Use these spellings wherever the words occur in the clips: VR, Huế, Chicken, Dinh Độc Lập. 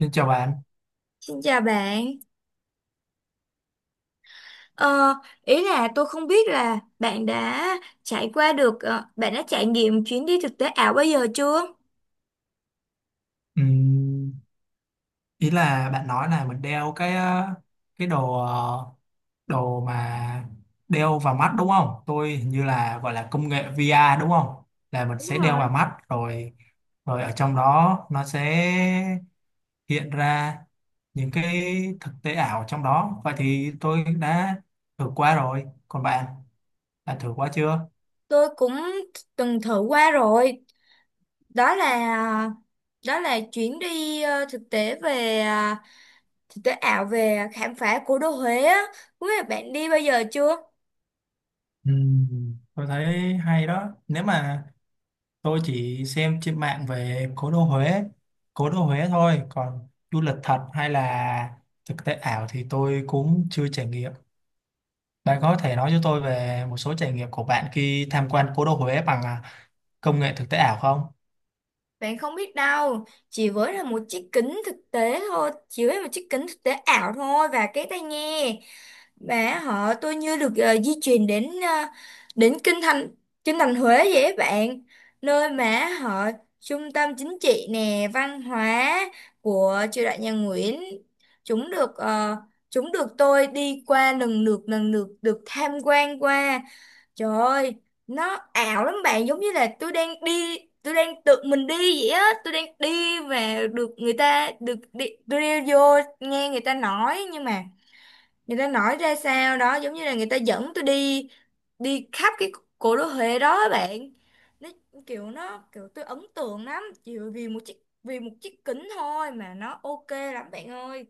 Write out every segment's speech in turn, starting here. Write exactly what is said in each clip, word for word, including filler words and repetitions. Xin chào bạn. Xin chào bạn. Ờ, Ý là tôi không biết là bạn đã trải qua được, ờ, bạn đã trải nghiệm chuyến đi thực tế ảo bao giờ chưa? Ừm, Ý là bạn nói là mình đeo cái ờ, cái đồ ờ, đồ mà đeo vào mắt đúng không? Tôi hình như là gọi là công nghệ vi a đúng không? Là mình Đúng sẽ đeo rồi. vào mắt rồi rồi ở trong đó nó sẽ hiện ra những cái thực tế ảo trong đó. Vậy thì tôi đã thử qua rồi. Còn bạn, bạn thử qua chưa? Tôi cũng từng thử qua rồi. Đó là đó là chuyến đi ờ, thực tế về ờ, thực tế ảo về khám phá cố đô Huế á. Không biết là bạn đi bao giờ chưa? Ừm, tôi thấy hay đó. Nếu mà Tôi chỉ xem trên mạng về cố đô Huế, cố đô Huế thôi, còn du lịch thật hay là thực tế ảo thì tôi cũng chưa trải nghiệm. Bạn có thể nói cho tôi về một số trải nghiệm của bạn khi tham quan cố đô Huế bằng à, công nghệ thực tế ảo không? Bạn không biết đâu, chỉ với là một chiếc kính thực tế thôi, chỉ với một chiếc kính thực tế ảo thôi và cái tai nghe. Và họ tôi như được ờ, di chuyển đến ờ, đến kinh thành kinh thành Huế vậy á bạn, nơi mà họ trung tâm chính trị nè, văn hóa của triều đại nhà Nguyễn. Chúng được ờ, chúng được tôi đi qua, lần lượt lần lượt được tham quan qua. Trời ơi, nó ảo lắm bạn, giống như là tôi đang đi tôi đang tự mình đi vậy á. Tôi đang đi và được người ta được đi, tôi đi vô nghe người ta nói, nhưng mà người ta nói ra sao đó giống như là người ta dẫn tôi đi, đi khắp cái cố đô Huế đó á bạn. Nó kiểu nó kiểu tôi ấn tượng lắm, chỉ vì một chiếc vì một chiếc kính thôi mà nó ok lắm bạn ơi.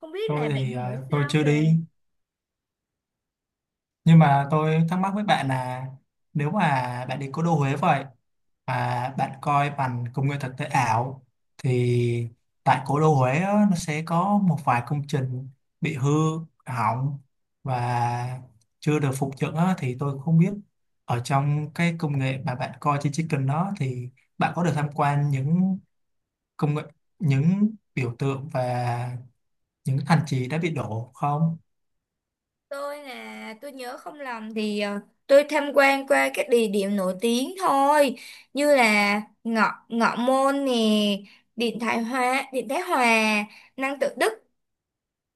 Không biết là Tôi bạn thì hiểu à, tôi sao chưa về. đi. Nhưng mà tôi thắc mắc với bạn là nếu mà bạn đi cố đô Huế vậy mà bạn coi bằng công nghệ thực tế ảo thì tại cố đô Huế á, nó sẽ có một vài công trình bị hư hỏng và chưa được phục dựng á, thì tôi không biết ở trong cái công nghệ mà bạn coi trên Chicken đó thì bạn có được tham quan những công nghệ, những biểu tượng và những thành trì đã bị đổ không? Tôi nè, tôi nhớ không lầm thì ờ, tôi tham quan qua các địa điểm nổi tiếng thôi, như là ngọ ngọ môn nè, Điện Thái Hòa Điện Thái Hòa, Năng Tự Đức,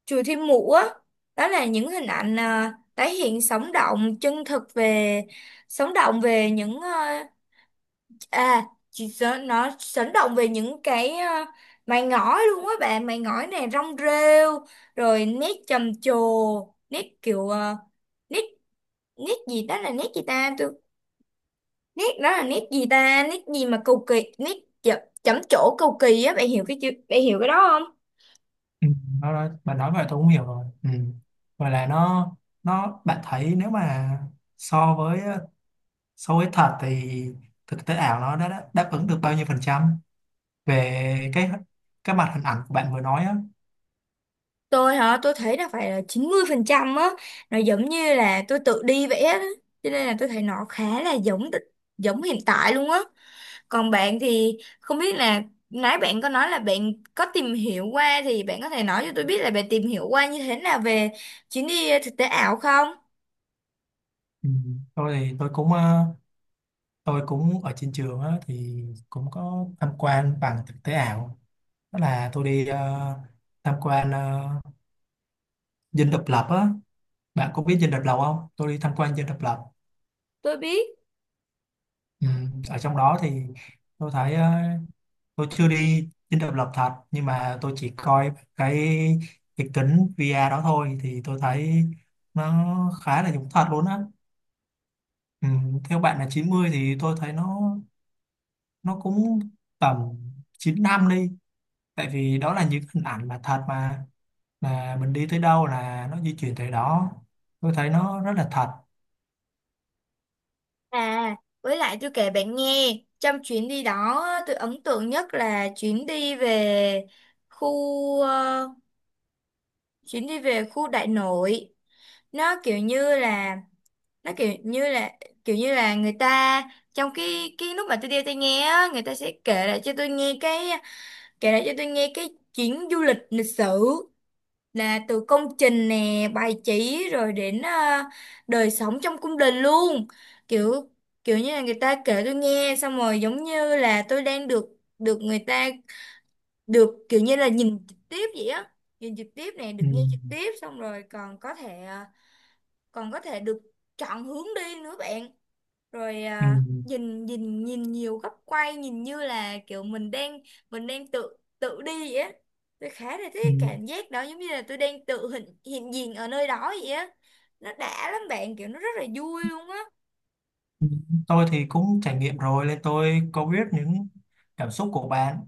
chùa Thiên Mụ á. Đó là những hình ảnh à, tái hiện sống động chân thực về sống động về những à, à chỉ sợ nó sống động về những cái à, mày ngói luôn á bạn, mày ngói này, rong rêu, rồi nét trầm trồ, nét kiểu à, nét nét gì đó là nét gì ta, tôi nét đó là nét gì ta, nét gì mà cầu kỳ, nét chấm chậm trổ cầu kỳ á bạn, hiểu cái chữ bạn hiểu cái đó không. Ừ, nó nói bạn nói vậy tôi cũng hiểu rồi. Ừ. Vậy là nó nó bạn thấy nếu mà so với so với thật thì thực tế ảo nó đã, đã đáp ứng được bao nhiêu phần trăm về cái cái mặt hình ảnh của bạn vừa nói á? Tôi hả, tôi thấy là phải là chín mươi phần trăm á. Nó giống như là tôi tự đi vẽ đó, cho nên là tôi thấy nó khá là giống, giống hiện tại luôn á. Còn bạn thì không biết là nãy bạn có nói là bạn có tìm hiểu qua, thì bạn có thể nói cho tôi biết là bạn tìm hiểu qua như thế nào về chuyến đi ờ, thực tế ảo không. Ừ. tôi thì tôi cũng ờ, tôi cũng ở trên trường á thì cũng có tham quan bằng thực tế ảo. Đó là tôi đi ờ, tham quan ờ, Dinh Độc Lập á. Bạn có biết Dinh Độc Lập không? Tôi đi tham quan Dinh Độc Lập. Tôi biết. Ừ. Ở trong đó thì tôi thấy ờ, tôi chưa đi dinh độc lập thật nhưng mà tôi chỉ coi cái cái kính vi a đó thôi thì tôi thấy nó khá là giống thật luôn á. Ừ, theo bạn là chín mươi thì tôi thấy nó nó cũng tầm chín năm đi, tại vì đó là những hình ảnh mà thật mà mà mình đi tới đâu là nó di chuyển tới đó, tôi thấy nó rất là thật. À, với lại tôi kể bạn nghe, trong chuyến đi đó tôi ấn tượng nhất là chuyến đi về khu ờ, chuyến đi về khu Đại Nội. Nó kiểu như là nó kiểu như là kiểu như là người ta, trong cái cái lúc mà tôi đi tôi nghe á, người ta sẽ kể lại cho tôi nghe cái kể lại cho tôi nghe cái chuyến du lịch lịch sử, là từ công trình nè, bài chỉ rồi đến ờ, đời sống trong cung đình luôn. Kiểu kiểu như là người ta kể tôi nghe xong rồi, giống như là tôi đang được, được người ta được kiểu như là nhìn trực tiếp vậy á. Nhìn trực tiếp này, được Ừ, nghe trực tiếp, xong rồi còn có thể à, còn có thể được chọn hướng đi nữa bạn, rồi ừ, à, nhìn, nhìn nhìn nhiều góc quay, nhìn như là kiểu mình đang mình đang tự tự đi vậy á. Tôi khá là ừ. thích cái cảm giác đó, giống như là tôi đang tự hiện hiện diện ở nơi đó vậy á. Nó đã lắm bạn, kiểu nó rất là vui luôn á. Tôi thì cũng trải nghiệm rồi nên tôi có biết những cảm xúc của bạn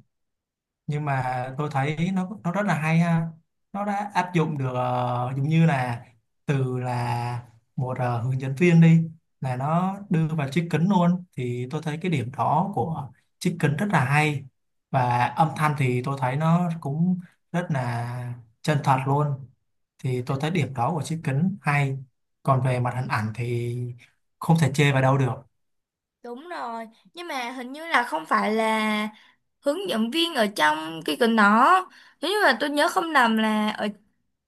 nhưng mà tôi thấy nó nó rất là hay ha. Nó đã áp dụng được ờ, giống như là từ là một ờ, hướng dẫn viên đi, là nó đưa vào chiếc kính luôn thì tôi thấy cái điểm đó của chiếc kính rất là hay. Và âm thanh thì tôi thấy nó cũng rất là chân thật luôn, thì tôi Hình- thấy điểm đó của chiếc kính hay. Còn về mặt hình ảnh thì không thể chê vào đâu được. Đúng rồi. Nhưng mà hình như là không phải là hướng dẫn viên ở trong cái gần đó. Nếu như mà tôi nhớ không lầm là ở,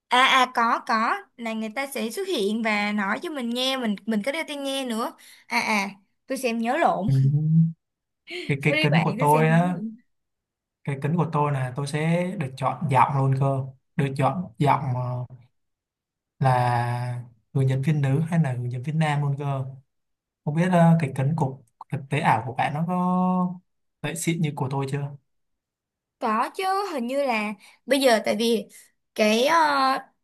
à à có có là người ta sẽ xuất hiện và nói cho mình nghe, mình mình có đeo tai nghe nữa. à à tôi xem nhớ lộn. Ừ. cái cái Sorry kính bạn, của tôi xem tôi nhớ. á, cái kính của tôi là tôi sẽ được chọn giọng luôn cơ được chọn giọng ờ, là người diễn viên nữ hay là người diễn viên nam luôn cơ. Không biết ờ, cái kính của thực tế ảo của bạn nó có vậy xịn như của tôi chưa. Có chứ. Hình như là bây giờ, tại vì cái ờ,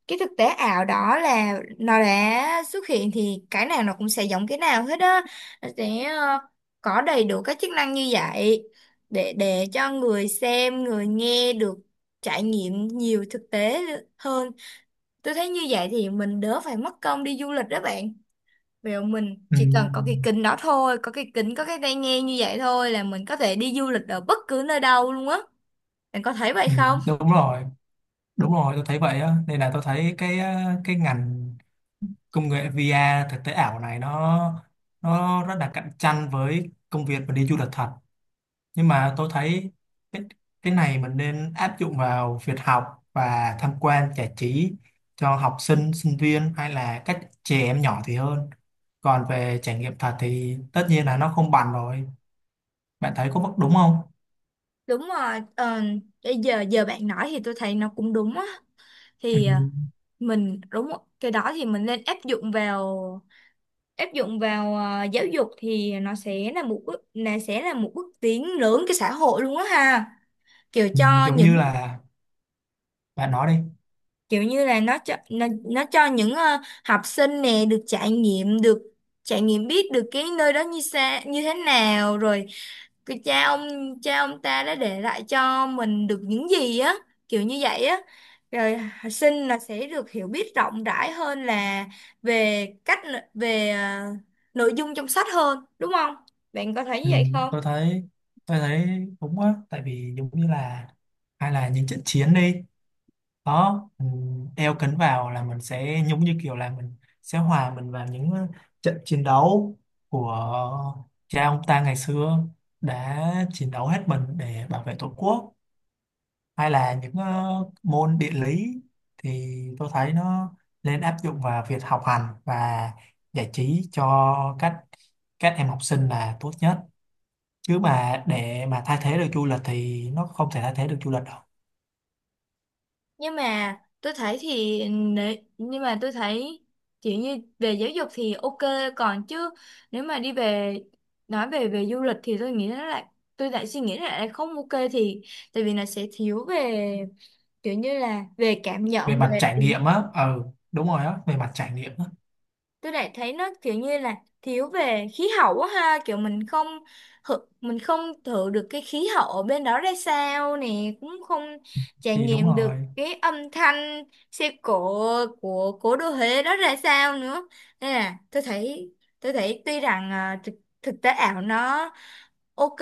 cái thực tế ảo đó là nó đã xuất hiện, thì cái nào nó cũng sẽ giống cái nào hết á. Nó sẽ ờ, có đầy đủ các chức năng như vậy, để để cho người xem, người nghe được trải nghiệm nhiều thực tế hơn. Tôi thấy như vậy thì mình đỡ phải mất công đi du lịch đó bạn. Vì mình Ừ, chỉ cần có cái kính đó thôi, có cái kính, có cái tai nghe như vậy thôi là mình có thể đi du lịch ở bất cứ nơi đâu luôn á. Bạn có thấy vậy ừ, không? đúng rồi, đúng rồi, tôi thấy vậy á nên là tôi thấy cái ờ, cái ngành công nghệ vi a thực tế ảo này nó nó rất là cạnh tranh với công việc và đi du lịch thật. Nhưng mà tôi thấy cái, cái này mình nên áp dụng vào việc học và tham quan giải trí cho học sinh sinh viên hay là các trẻ em nhỏ thì hơn. Còn về trải nghiệm thật thì tất nhiên là nó không bằng rồi. Bạn thấy có bất đúng không? Đúng rồi. ờ, cái giờ giờ bạn nói thì tôi thấy nó cũng đúng á. Ừ, Thì ờ, mình đúng rồi, cái đó thì mình nên áp dụng vào áp dụng vào ờ, giáo dục, thì nó sẽ là một bước là sẽ là một bước tiến lớn cái xã hội luôn á ha. Kiểu ừ, cho giống như những là bạn nói đi. Kiểu như là nó cho nó, nó cho những ờ, học sinh nè được trải nghiệm, được trải nghiệm biết được cái nơi đó như xa như thế nào, rồi cái cha ông cha ông ta đã để lại cho mình được những gì á, kiểu như vậy á. Rồi học sinh là sẽ được hiểu biết rộng rãi hơn là về cách về ờ, nội dung trong sách hơn, đúng không? Bạn có thấy như Ừ, vậy không? tôi thấy tôi thấy đúng á, tại vì giống như là hay là những trận chiến đi, đó mình đeo kính vào là mình sẽ giống như kiểu là mình sẽ hòa mình vào những ờ, trận chiến đấu của cha ông ta ngày xưa đã chiến đấu hết mình để bảo vệ tổ quốc. Hay là những ờ, môn địa lý thì tôi thấy nó nên áp dụng vào việc học hành và giải trí cho các các em học sinh là tốt nhất, chứ mà để mà thay thế được du lịch thì nó không thể thay thế được du lịch đâu. Nhưng mà tôi thấy thì nể- nhưng mà tôi thấy kiểu như về giáo dục thì ok, còn chứ nếu mà đi về, nói về về du lịch thì tôi nghĩ nó lại, tôi lại suy nghĩ lại là lại không ok. Thì tại vì nó sẽ thiếu về kiểu như là về cảm Về nhận, mặt về trải tiếng. nghiệm á. Ừ, đúng rồi á, về mặt trải nghiệm á. Tôi lại thấy nó kiểu như là thiếu về khí hậu quá ha, kiểu mình không hự- mình không thử được cái khí hậu ở bên đó ra sao nè, cũng không trải Thì đúng nghiệm được rồi. cái âm thanh xe cộ của cố đô Huế đó ra sao nữa. Nên là tôi thấy tôi thấy tuy rằng à, thực, thực tế ảo nó ok,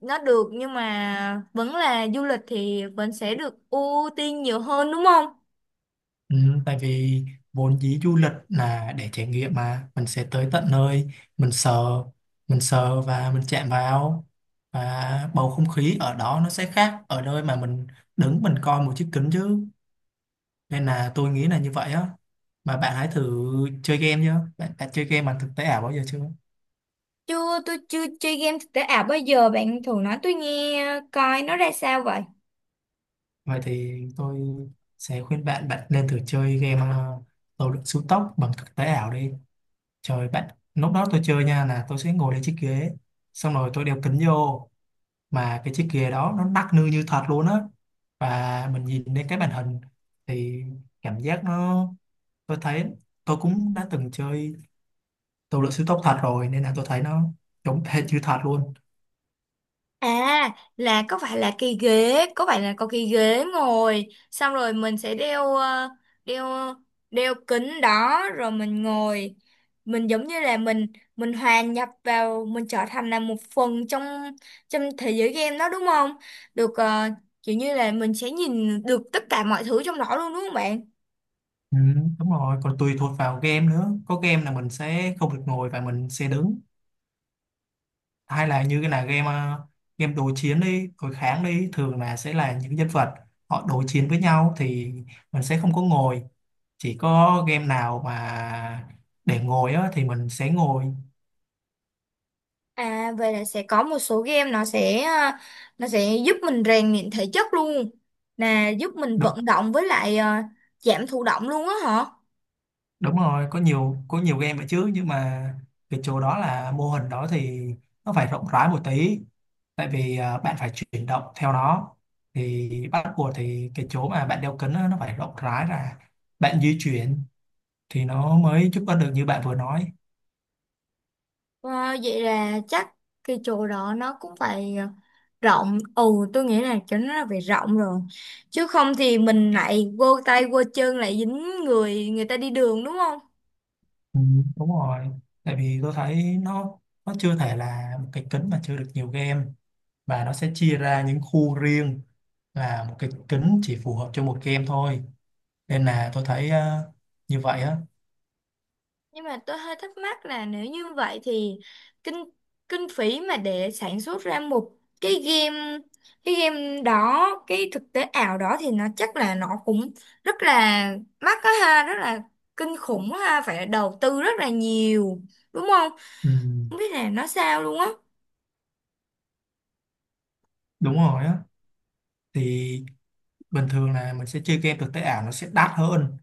nó được, nhưng mà vẫn là du lịch thì vẫn sẽ được ưu tiên nhiều hơn đúng không. Ừ, tại vì vốn dĩ du lịch là để trải nghiệm mà mình sẽ tới tận nơi, mình sờ mình sờ và mình chạm vào, và bầu không khí ở đó nó sẽ khác ở nơi mà mình đứng mình coi một chiếc kính chứ. Nên là tôi nghĩ là như vậy á. Mà bạn hãy thử chơi game nhá bạn, bạn chơi game bằng thực tế ảo bao giờ chưa? Chưa, tôi chưa chơi game thực tế ảo bao giờ. Bạn thường nói tôi nghe coi nó ra sao vậy? Vậy thì tôi sẽ khuyên bạn bạn nên thử chơi game ờ, tàu lượn siêu tốc bằng thực tế ảo đi. Trời bạn, lúc đó tôi chơi nha là tôi sẽ ngồi lên chiếc ghế, xong rồi tôi đeo kính vô. Mà cái chiếc ghế đó nó nắc nư như thật luôn á, và mình nhìn lên cái màn hình thì cảm giác nó... Tôi thấy tôi cũng đã từng chơi tàu lượn siêu tốc thật rồi nên là tôi thấy nó giống hệt như thật luôn. À, là có phải là cái ghế, có phải là có cái ghế ngồi, xong rồi mình sẽ đeo ờ, đeo đeo kính đó rồi mình ngồi. Mình giống như là mình mình hòa nhập vào, mình trở thành là một phần trong trong thế giới game đó đúng không? Được ờ, kiểu như là mình sẽ nhìn được tất cả mọi thứ trong đó luôn đúng không bạn? Ừ, đúng rồi, còn tùy thuộc vào game nữa. Có game là mình sẽ không được ngồi và mình sẽ đứng, hay là như cái là game ờ, game đối chiến đi, đối kháng đi, thường là sẽ là những nhân vật họ đối chiến với nhau thì mình sẽ không có ngồi. Chỉ có game nào mà để ngồi á, thì mình sẽ ngồi. À vậy là sẽ có một số game nó sẽ à, nó sẽ giúp mình rèn luyện thể chất luôn. Là giúp mình Đúng, vận động, với lại à, giảm thụ động luôn á hả? đúng rồi, có nhiều có nhiều game vậy chứ nhưng mà cái chỗ đó là mô hình đó thì nó phải rộng rãi một tí, tại vì ờ, bạn phải chuyển động theo nó thì bắt buộc thì cái chỗ mà bạn đeo kính á, nó phải rộng rãi ra, bạn di chuyển thì nó mới giúp ích được như bạn vừa nói. Ờ, Vậy là chắc cái chỗ đó nó cũng phải ờ, rộng. Ừ, tôi nghĩ là chỗ nó là phải rộng rồi. Chứ không thì mình lại vô tay vô chân, lại dính người người ta đi đường đúng không? Ừ, đúng rồi, tại vì tôi thấy nó nó chưa thể là một cái kính mà chứa được nhiều game và nó sẽ chia ra những khu riêng, là một cái kính chỉ phù hợp cho một game thôi nên là tôi thấy ờ, như vậy á. Nhưng mà tôi hơi thắc mắc là nếu như vậy thì kinh kinh phí mà để sản xuất ra một cái game, cái game đó cái thực tế ảo đó, thì nó chắc là nó cũng rất là mắc đó ha, rất là kinh khủng á ha, phải đầu tư rất là nhiều đúng không? Ừ, Không biết là nó sao luôn á. đúng rồi á, thì bình thường là mình sẽ chơi game thực tế ảo nó sẽ đắt hơn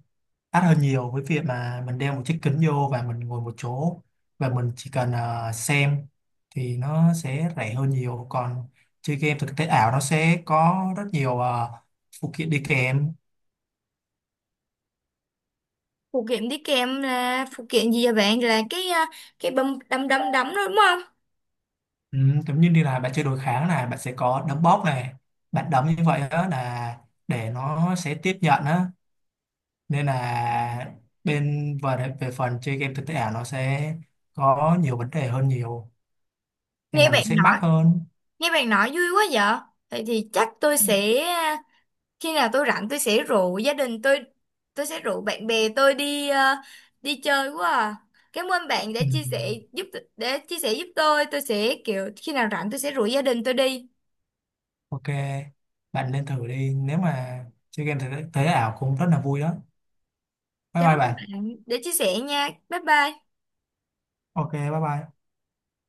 đắt hơn nhiều với việc mà mình đeo một chiếc kính vô và mình ngồi một chỗ và mình chỉ cần ờ, xem thì nó sẽ rẻ hơn nhiều. Còn chơi game thực tế ảo nó sẽ có rất nhiều ờ, phụ kiện đi kèm. Phụ kiện đi kèm là phụ kiện gì vậy bạn, là cái à, cái bấm đấm đấm đấm đó đúng không? Ừ, giống như đi là bạn chơi đối kháng này, bạn sẽ có đấm bóp này, bạn đấm như vậy đó là để nó sẽ tiếp nhận á. Nên là bên về về phần chơi game thực tế ảo nó sẽ có nhiều vấn đề hơn nhiều nên nghe là nó bạn sẽ mắc nói hơn. Nghe bạn nói vui quá. Vậy thì, thì chắc tôi sẽ, khi nào tôi rảnh tôi sẽ rủ gia đình tôi tôi sẽ rủ bạn bè tôi đi ờ, đi chơi quá à. Cảm ơn bạn đã Ừ. chia sẻ Ừ. giúp, để chia sẻ giúp tôi tôi sẽ kiểu khi nào rảnh tôi sẽ rủ gia đình tôi đi. Ok, bạn lên thử đi. Nếu mà chơi game thế, thế ảo cũng rất là vui đó. Bye Cảm ơn bye bạn. bạn để chia sẻ nha, bye bye. Ok, bye bye.